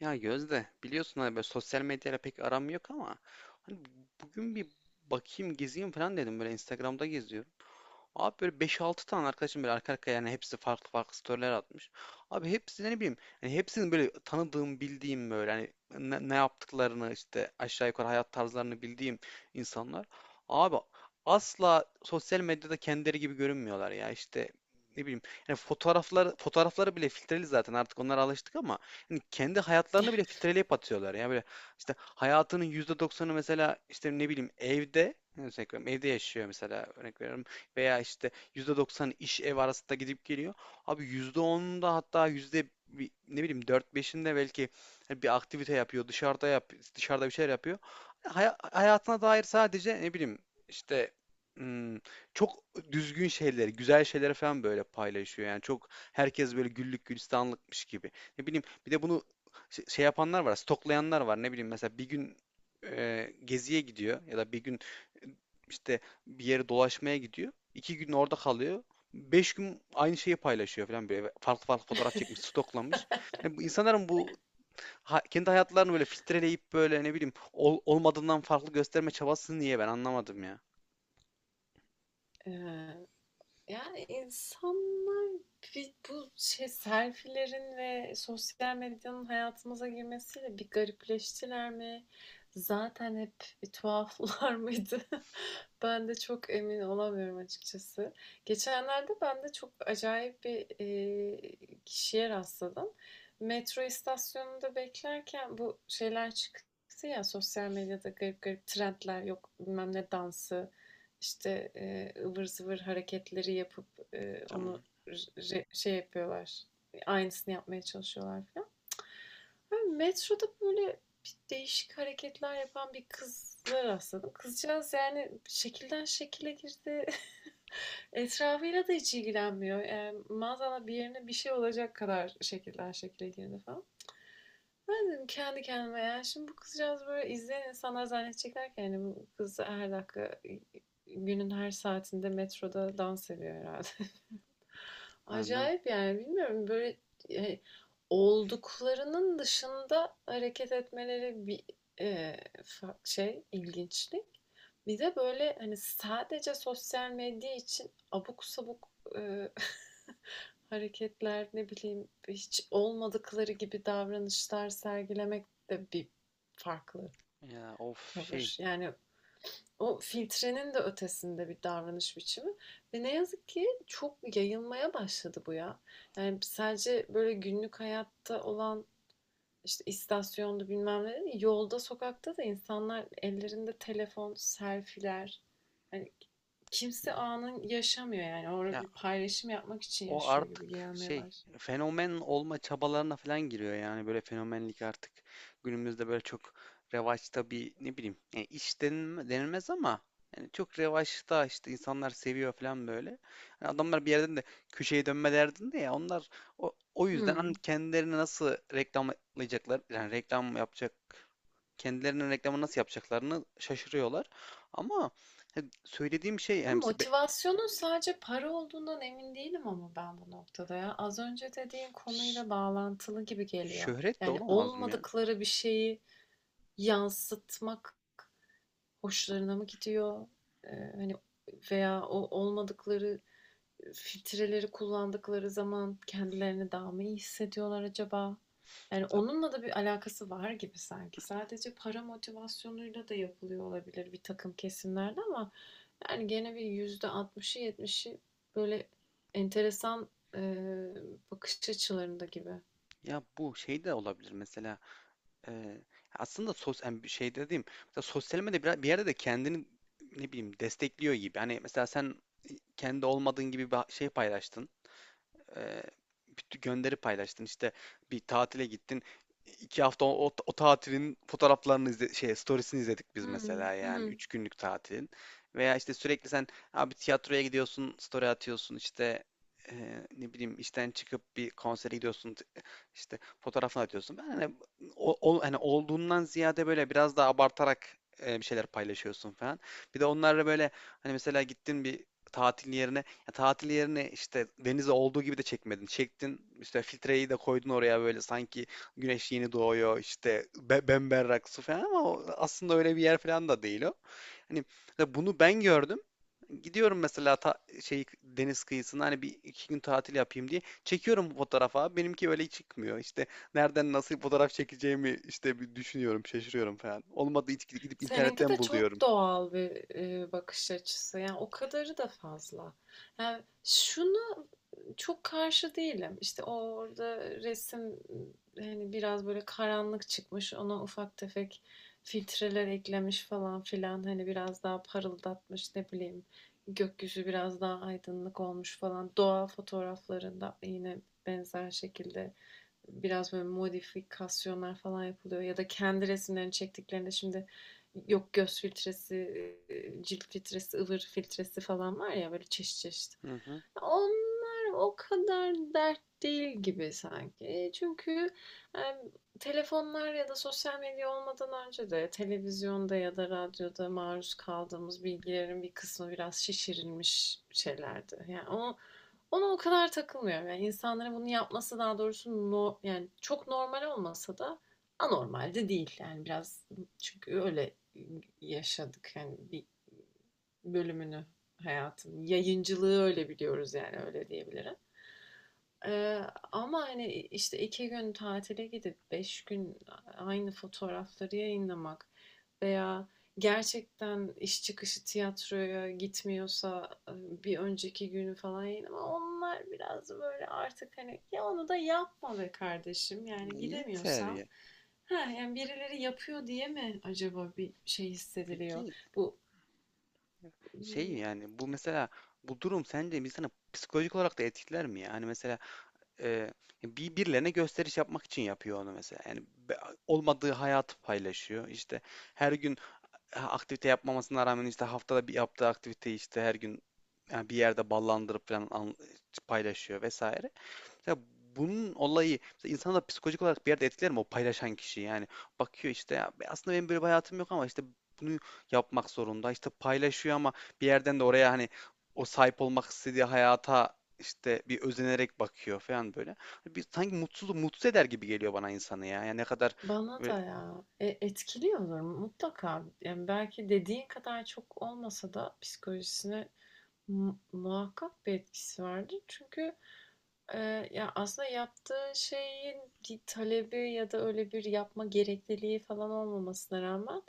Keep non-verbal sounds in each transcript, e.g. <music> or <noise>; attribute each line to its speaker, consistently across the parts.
Speaker 1: Ya Gözde, biliyorsun hani böyle sosyal medyayla pek aram yok ama hani bugün bir bakayım gezeyim falan dedim, böyle Instagram'da geziyorum. Abi böyle beş altı tane arkadaşım böyle arka arkaya, yani hepsi farklı farklı storyler atmış. Abi hepsi, ne bileyim, hani hepsinin böyle tanıdığım bildiğim böyle hani ne yaptıklarını işte aşağı yukarı hayat tarzlarını bildiğim insanlar. Abi asla sosyal medyada kendileri gibi görünmüyorlar ya, işte ne bileyim, yani fotoğrafları bile filtreli, zaten artık onlara alıştık ama hani kendi hayatlarını bile filtreleyip atıyorlar ya böyle. İşte hayatının yüzde doksanı mesela, işte ne bileyim, evde yani. Örnek veriyorum, evde yaşıyor mesela, örnek veriyorum. Veya işte %90 iş ev arasında gidip geliyor. Abi %10'unda, hatta ne bileyim dört beşinde belki hani bir aktivite yapıyor, dışarıda bir şeyler yapıyor. Hayatına dair sadece, ne bileyim, işte hmm, çok düzgün şeyleri, güzel şeyleri falan böyle paylaşıyor. Yani çok, herkes böyle güllük gülistanlıkmış gibi. Ne bileyim, bir de bunu şey yapanlar var, stoklayanlar var. Ne bileyim, mesela bir gün geziye gidiyor ya da bir gün, e, işte, bir yere dolaşmaya gidiyor. İki gün orada kalıyor. Beş gün aynı şeyi paylaşıyor falan böyle. Farklı farklı fotoğraf çekmiş, stoklamış. Yani bu insanların bu kendi hayatlarını böyle filtreleyip, böyle ne bileyim, olmadığından farklı gösterme çabası niye, ben anlamadım ya.
Speaker 2: Ee, yani insanlar bu şey selfilerin ve sosyal medyanın hayatımıza girmesiyle bir garipleştiler mi? Zaten hep bir tuhaflar <laughs> mıydı? Ben de çok emin olamıyorum açıkçası. Geçenlerde ben de çok acayip bir kişiye rastladım. Metro istasyonunda beklerken bu şeyler çıktı ya, sosyal medyada garip garip trendler, yok bilmem ne dansı işte, ıvır zıvır hareketleri yapıp e,
Speaker 1: Tamam.
Speaker 2: onu şey yapıyorlar. Aynısını yapmaya çalışıyorlar falan. Ben metroda böyle değişik hareketler yapan bir kıza rastladım. Kızcağız yani şekilden şekile girdi. <laughs> Etrafıyla da hiç ilgilenmiyor. Yani maazallah bir yerine bir şey olacak kadar şekilden şekile girdi falan. Ben dedim kendi kendime, yani şimdi bu kızcağız böyle, izleyen insanlar zannedecekler ki yani bu kız her dakika, günün her saatinde metroda dans ediyor herhalde.
Speaker 1: Ha, değil mi?
Speaker 2: Acayip yani, bilmiyorum, böyle e, olduklarının dışında hareket etmeleri bir e, şey, ilginçlik. Bir de böyle hani sadece sosyal medya için abuk sabuk e, <laughs> hareketler, ne bileyim, hiç olmadıkları gibi davranışlar sergilemek de bir farklı
Speaker 1: Ya of şey.
Speaker 2: tavır. Yani o filtrenin de ötesinde bir davranış biçimi ve ne yazık ki çok yayılmaya başladı bu ya. Yani sadece böyle günlük hayatta olan, işte istasyonda, bilmem ne, yolda, sokakta da insanlar ellerinde telefon, selfiler. Hani kimse anın yaşamıyor yani. Orada
Speaker 1: Ya,
Speaker 2: bir paylaşım yapmak için
Speaker 1: o
Speaker 2: yaşıyor gibi
Speaker 1: artık
Speaker 2: gelmeye
Speaker 1: şey,
Speaker 2: başladı.
Speaker 1: fenomen olma çabalarına falan giriyor, yani böyle fenomenlik artık günümüzde böyle çok revaçta bir, ne bileyim, yani denilmez ama yani çok revaçta, işte insanlar seviyor falan böyle. Hani adamlar bir yerden de köşeye dönme derdinde ya onlar, o yüzden hani
Speaker 2: Hmm.
Speaker 1: kendilerini nasıl reklamlayacaklar, yani reklam yapacak, kendilerinin reklamı nasıl yapacaklarını şaşırıyorlar. Ama hani söylediğim şey, yani mesela
Speaker 2: Motivasyonun sadece para olduğundan emin değilim ama, ben bu noktada ya. Az önce dediğin
Speaker 1: ş-
Speaker 2: konuyla bağlantılı gibi geliyor.
Speaker 1: şöhret de
Speaker 2: Yani
Speaker 1: olamaz mı ya?
Speaker 2: olmadıkları bir şeyi yansıtmak hoşlarına mı gidiyor? Ee, hani veya o olmadıkları, filtreleri kullandıkları zaman kendilerini daha mı iyi hissediyorlar acaba? Yani onunla da bir alakası var gibi sanki. Sadece para motivasyonuyla da yapılıyor olabilir bir takım kesimlerde ama yani gene bir yüzde 60'ı 70'i böyle enteresan e, bakış açılarında gibi.
Speaker 1: Ya bu şey de olabilir mesela, e, aslında yani bir şey dediğim, mesela sosyal medya bir, yerde de kendini, ne bileyim, destekliyor gibi. Hani mesela sen kendi olmadığın gibi bir şey paylaştın, e, bir gönderi paylaştın. İşte bir tatile gittin. İki hafta o tatilin fotoğraflarını izle, şey, storiesini izledik biz
Speaker 2: Hı
Speaker 1: mesela yani.
Speaker 2: hı.
Speaker 1: Üç günlük tatilin. Veya işte sürekli sen, abi, tiyatroya gidiyorsun, story atıyorsun, işte e, ne bileyim işten çıkıp bir konsere gidiyorsun, işte fotoğrafını atıyorsun. Ben hani, hani olduğundan ziyade böyle biraz daha abartarak, bir şeyler paylaşıyorsun falan. Bir de onlarla böyle, hani mesela gittin bir tatil yerine, ya tatil yerine, işte denize olduğu gibi de çekmedin. Çektin, işte filtreyi de koydun oraya, böyle sanki güneş yeni doğuyor, işte be bemberrak su falan ama o aslında öyle bir yer falan da değil o. Hani mesela bunu ben gördüm. Gidiyorum mesela, şey, deniz kıyısına, hani bir iki gün tatil yapayım diye çekiyorum fotoğrafa. Benimki öyle çıkmıyor. İşte nereden nasıl fotoğraf çekeceğimi işte bir düşünüyorum, şaşırıyorum falan. Olmadı hiç, gidip
Speaker 2: Seninki
Speaker 1: internetten
Speaker 2: de çok
Speaker 1: buluyorum.
Speaker 2: doğal bir bakış açısı. Yani o kadarı da fazla. Yani şunu, çok karşı değilim. İşte orada resim hani biraz böyle karanlık çıkmış. Ona ufak tefek filtreler eklemiş falan filan. Hani biraz daha parıldatmış, ne bileyim. Gökyüzü biraz daha aydınlık olmuş falan. Doğa fotoğraflarında yine benzer şekilde biraz böyle modifikasyonlar falan yapılıyor ya da kendi resimlerini çektiklerinde şimdi yok göz filtresi, cilt filtresi, ıvır filtresi falan var ya, böyle çeşit çeşit.
Speaker 1: Hı hı.
Speaker 2: Onlar o kadar dert değil gibi sanki. E, çünkü em, telefonlar ya da sosyal medya olmadan önce de televizyonda ya da radyoda maruz kaldığımız bilgilerin bir kısmı biraz şişirilmiş şeylerdi. Yani o Ona o kadar takılmıyorum. Yani insanların bunu yapması, daha doğrusu no, yani çok normal olmasa da anormal de değil. Yani biraz, çünkü öyle yaşadık. Yani bir bölümünü, hayatın yayıncılığı öyle biliyoruz yani, öyle diyebilirim. Eee, ama hani, işte 2 gün tatile gidip 5 gün aynı fotoğrafları yayınlamak veya gerçekten iş çıkışı tiyatroya gitmiyorsa bir önceki günü falan yayınlama, onlar biraz böyle artık, hani ya onu da yapma be kardeşim, yani
Speaker 1: Yeter
Speaker 2: gidemiyorsam,
Speaker 1: ya.
Speaker 2: ha yani birileri yapıyor diye mi acaba bir şey hissediliyor?
Speaker 1: Peki,
Speaker 2: Bu,
Speaker 1: şey,
Speaker 2: hmm,
Speaker 1: yani bu mesela, bu durum sence insanı psikolojik olarak da etkiler mi ya? Hani mesela e, birilerine gösteriş yapmak için yapıyor onu mesela. Yani olmadığı hayatı paylaşıyor. İşte her gün aktivite yapmamasına rağmen, işte haftada bir yaptığı aktiviteyi işte her gün, yani bir yerde ballandırıp falan paylaşıyor vesaire. Mesela bunun olayı, mesela insanı da psikolojik olarak bir yerde etkiler mi o paylaşan kişi? Yani bakıyor işte, ya aslında benim böyle bir hayatım yok ama işte bunu yapmak zorunda, işte paylaşıyor ama bir yerden de oraya hani o sahip olmak istediği hayata işte bir özenerek bakıyor falan böyle. Hani bir sanki mutsuz mutsuz eder gibi geliyor bana insanı ya. Yani ne kadar
Speaker 2: bana da
Speaker 1: böyle,
Speaker 2: ya. E, etkiliyordur mutlaka. Yani belki dediğin kadar çok olmasa da psikolojisine muhakkak bir etkisi vardır. Çünkü e, ya aslında yaptığı şeyin bir talebi ya da öyle bir yapma gerekliliği falan olmamasına rağmen,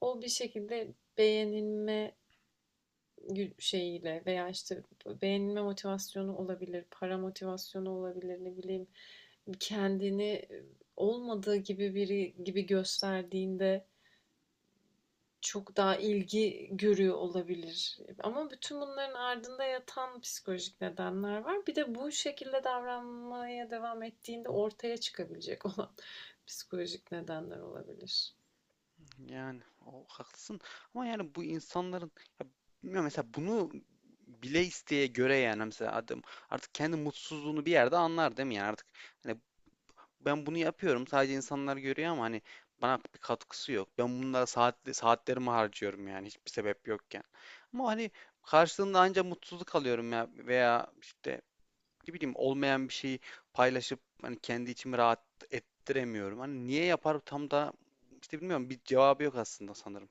Speaker 2: o bir şekilde beğenilme şeyiyle veya işte beğenilme motivasyonu olabilir, para motivasyonu olabilir, ne bileyim, kendini olmadığı gibi biri gibi gösterdiğinde çok daha ilgi görüyor olabilir. Ama bütün bunların ardında yatan psikolojik nedenler var. Bir de bu şekilde davranmaya devam ettiğinde ortaya çıkabilecek <laughs> olan psikolojik nedenler olabilir.
Speaker 1: yani o haklısın ama yani bu insanların, ya bilmiyorum, mesela bunu bile isteye göre, yani mesela adam artık kendi mutsuzluğunu bir yerde anlar değil mi? Yani artık hani ben bunu yapıyorum, sadece insanlar görüyor ama hani bana bir katkısı yok. Ben bunlara saatlerimi harcıyorum yani hiçbir sebep yokken. Ama hani karşılığında ancak mutsuzluk alıyorum ya, veya işte, ne bileyim, olmayan bir şeyi paylaşıp hani kendi içimi rahat ettiremiyorum. Hani niye yapar tam da, işte bilmiyorum, bir cevabı yok aslında sanırım.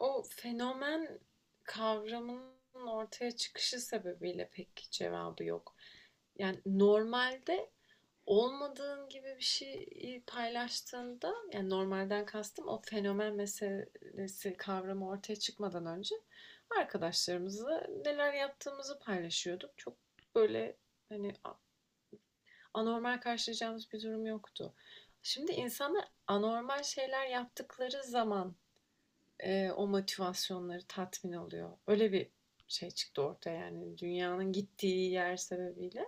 Speaker 2: O fenomen kavramının ortaya çıkışı sebebiyle pek cevabı yok. Yani normalde olmadığın gibi bir şeyi paylaştığında, yani normalden kastım, o fenomen meselesi, kavramı ortaya çıkmadan önce arkadaşlarımızla neler yaptığımızı paylaşıyorduk. Çok böyle hani anormal karşılayacağımız bir durum yoktu. Şimdi insanlar anormal şeyler yaptıkları zaman o motivasyonları tatmin oluyor. Öyle bir şey çıktı ortaya yani, dünyanın gittiği yer sebebiyle.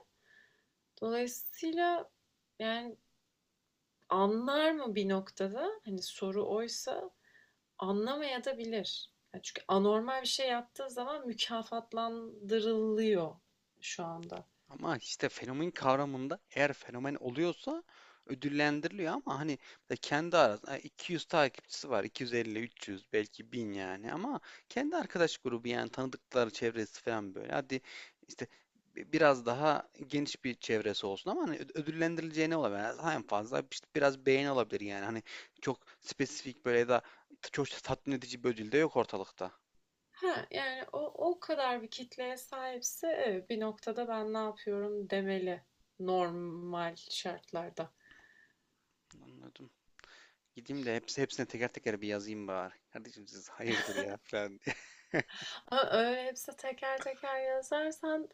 Speaker 2: Dolayısıyla yani anlar mı bir noktada? Hani soru oysa, anlamaya da bilir. Ya çünkü anormal bir şey yaptığı zaman mükafatlandırılıyor şu anda.
Speaker 1: Ama işte fenomen kavramında, eğer fenomen oluyorsa ödüllendiriliyor ama hani mesela kendi arasında 200 takipçisi var. 250, 300, belki 1000 yani, ama kendi arkadaş grubu yani, tanıdıkları çevresi falan böyle. Hadi işte biraz daha geniş bir çevresi olsun ama hani ödüllendirileceği ne olabilir? Yani en fazla işte biraz beğeni olabilir yani. Hani çok spesifik böyle, ya da çok tatmin edici bir ödül de yok ortalıkta.
Speaker 2: Ha yani o, o kadar bir kitleye sahipse evet, bir noktada ben ne yapıyorum demeli normal şartlarda.
Speaker 1: Anladım. Gideyim de hepsine teker teker bir yazayım bari. Kardeşim, siz hayırdır ya, falan diye.
Speaker 2: Ama öyle hepsi teker teker yazarsan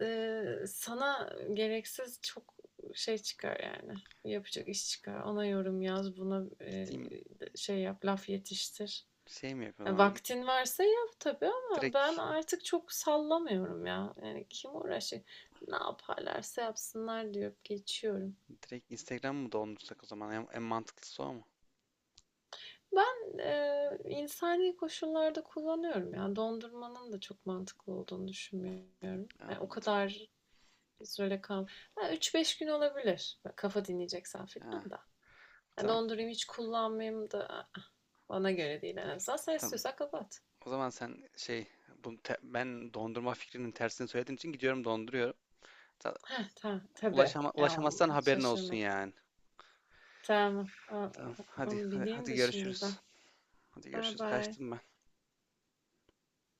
Speaker 2: Sana gereksiz çok şey çıkar yani, yapacak iş çıkar. Ona yorum yaz, buna,
Speaker 1: <laughs> Gideyim,
Speaker 2: şey yap, laf yetiştir.
Speaker 1: şey mi yapayım o
Speaker 2: Ya
Speaker 1: zaman? Git,
Speaker 2: vaktin varsa yap tabii ama ben
Speaker 1: direkt,
Speaker 2: artık çok sallamıyorum ya. Yani kim uğraşacak? Ne yaparlarsa yapsınlar deyip geçiyorum.
Speaker 1: direkt Instagram mı doldursak o zaman? En mantıklısı o mu?
Speaker 2: Ben insani koşullarda kullanıyorum yani. Dondurmanın da çok mantıklı olduğunu düşünmüyorum. Yani o
Speaker 1: Anladım.
Speaker 2: kadar bir kal üç beş gün olabilir. Kafa dinleyeceksen
Speaker 1: Ha,
Speaker 2: filan da. Ya
Speaker 1: tamam
Speaker 2: dondurayım, hiç kullanmayayım da, ı-ı, bana göre değil en azından. Sen
Speaker 1: tamam.
Speaker 2: istiyorsan kapat.
Speaker 1: O zaman sen şey, ben dondurma fikrinin tersini söylediğin için gidiyorum donduruyorum. Ta-
Speaker 2: Heh, tamam tabii. Ya,
Speaker 1: Ulaşamazsan haberin olsun
Speaker 2: şaşırmadım.
Speaker 1: yani.
Speaker 2: Tamam. Aa,
Speaker 1: Tamam, hadi
Speaker 2: onu
Speaker 1: hadi,
Speaker 2: bileyim
Speaker 1: hadi
Speaker 2: de şimdiden.
Speaker 1: görüşürüz. Hadi
Speaker 2: Bye
Speaker 1: görüşürüz.
Speaker 2: bye.
Speaker 1: Kaçtım ben.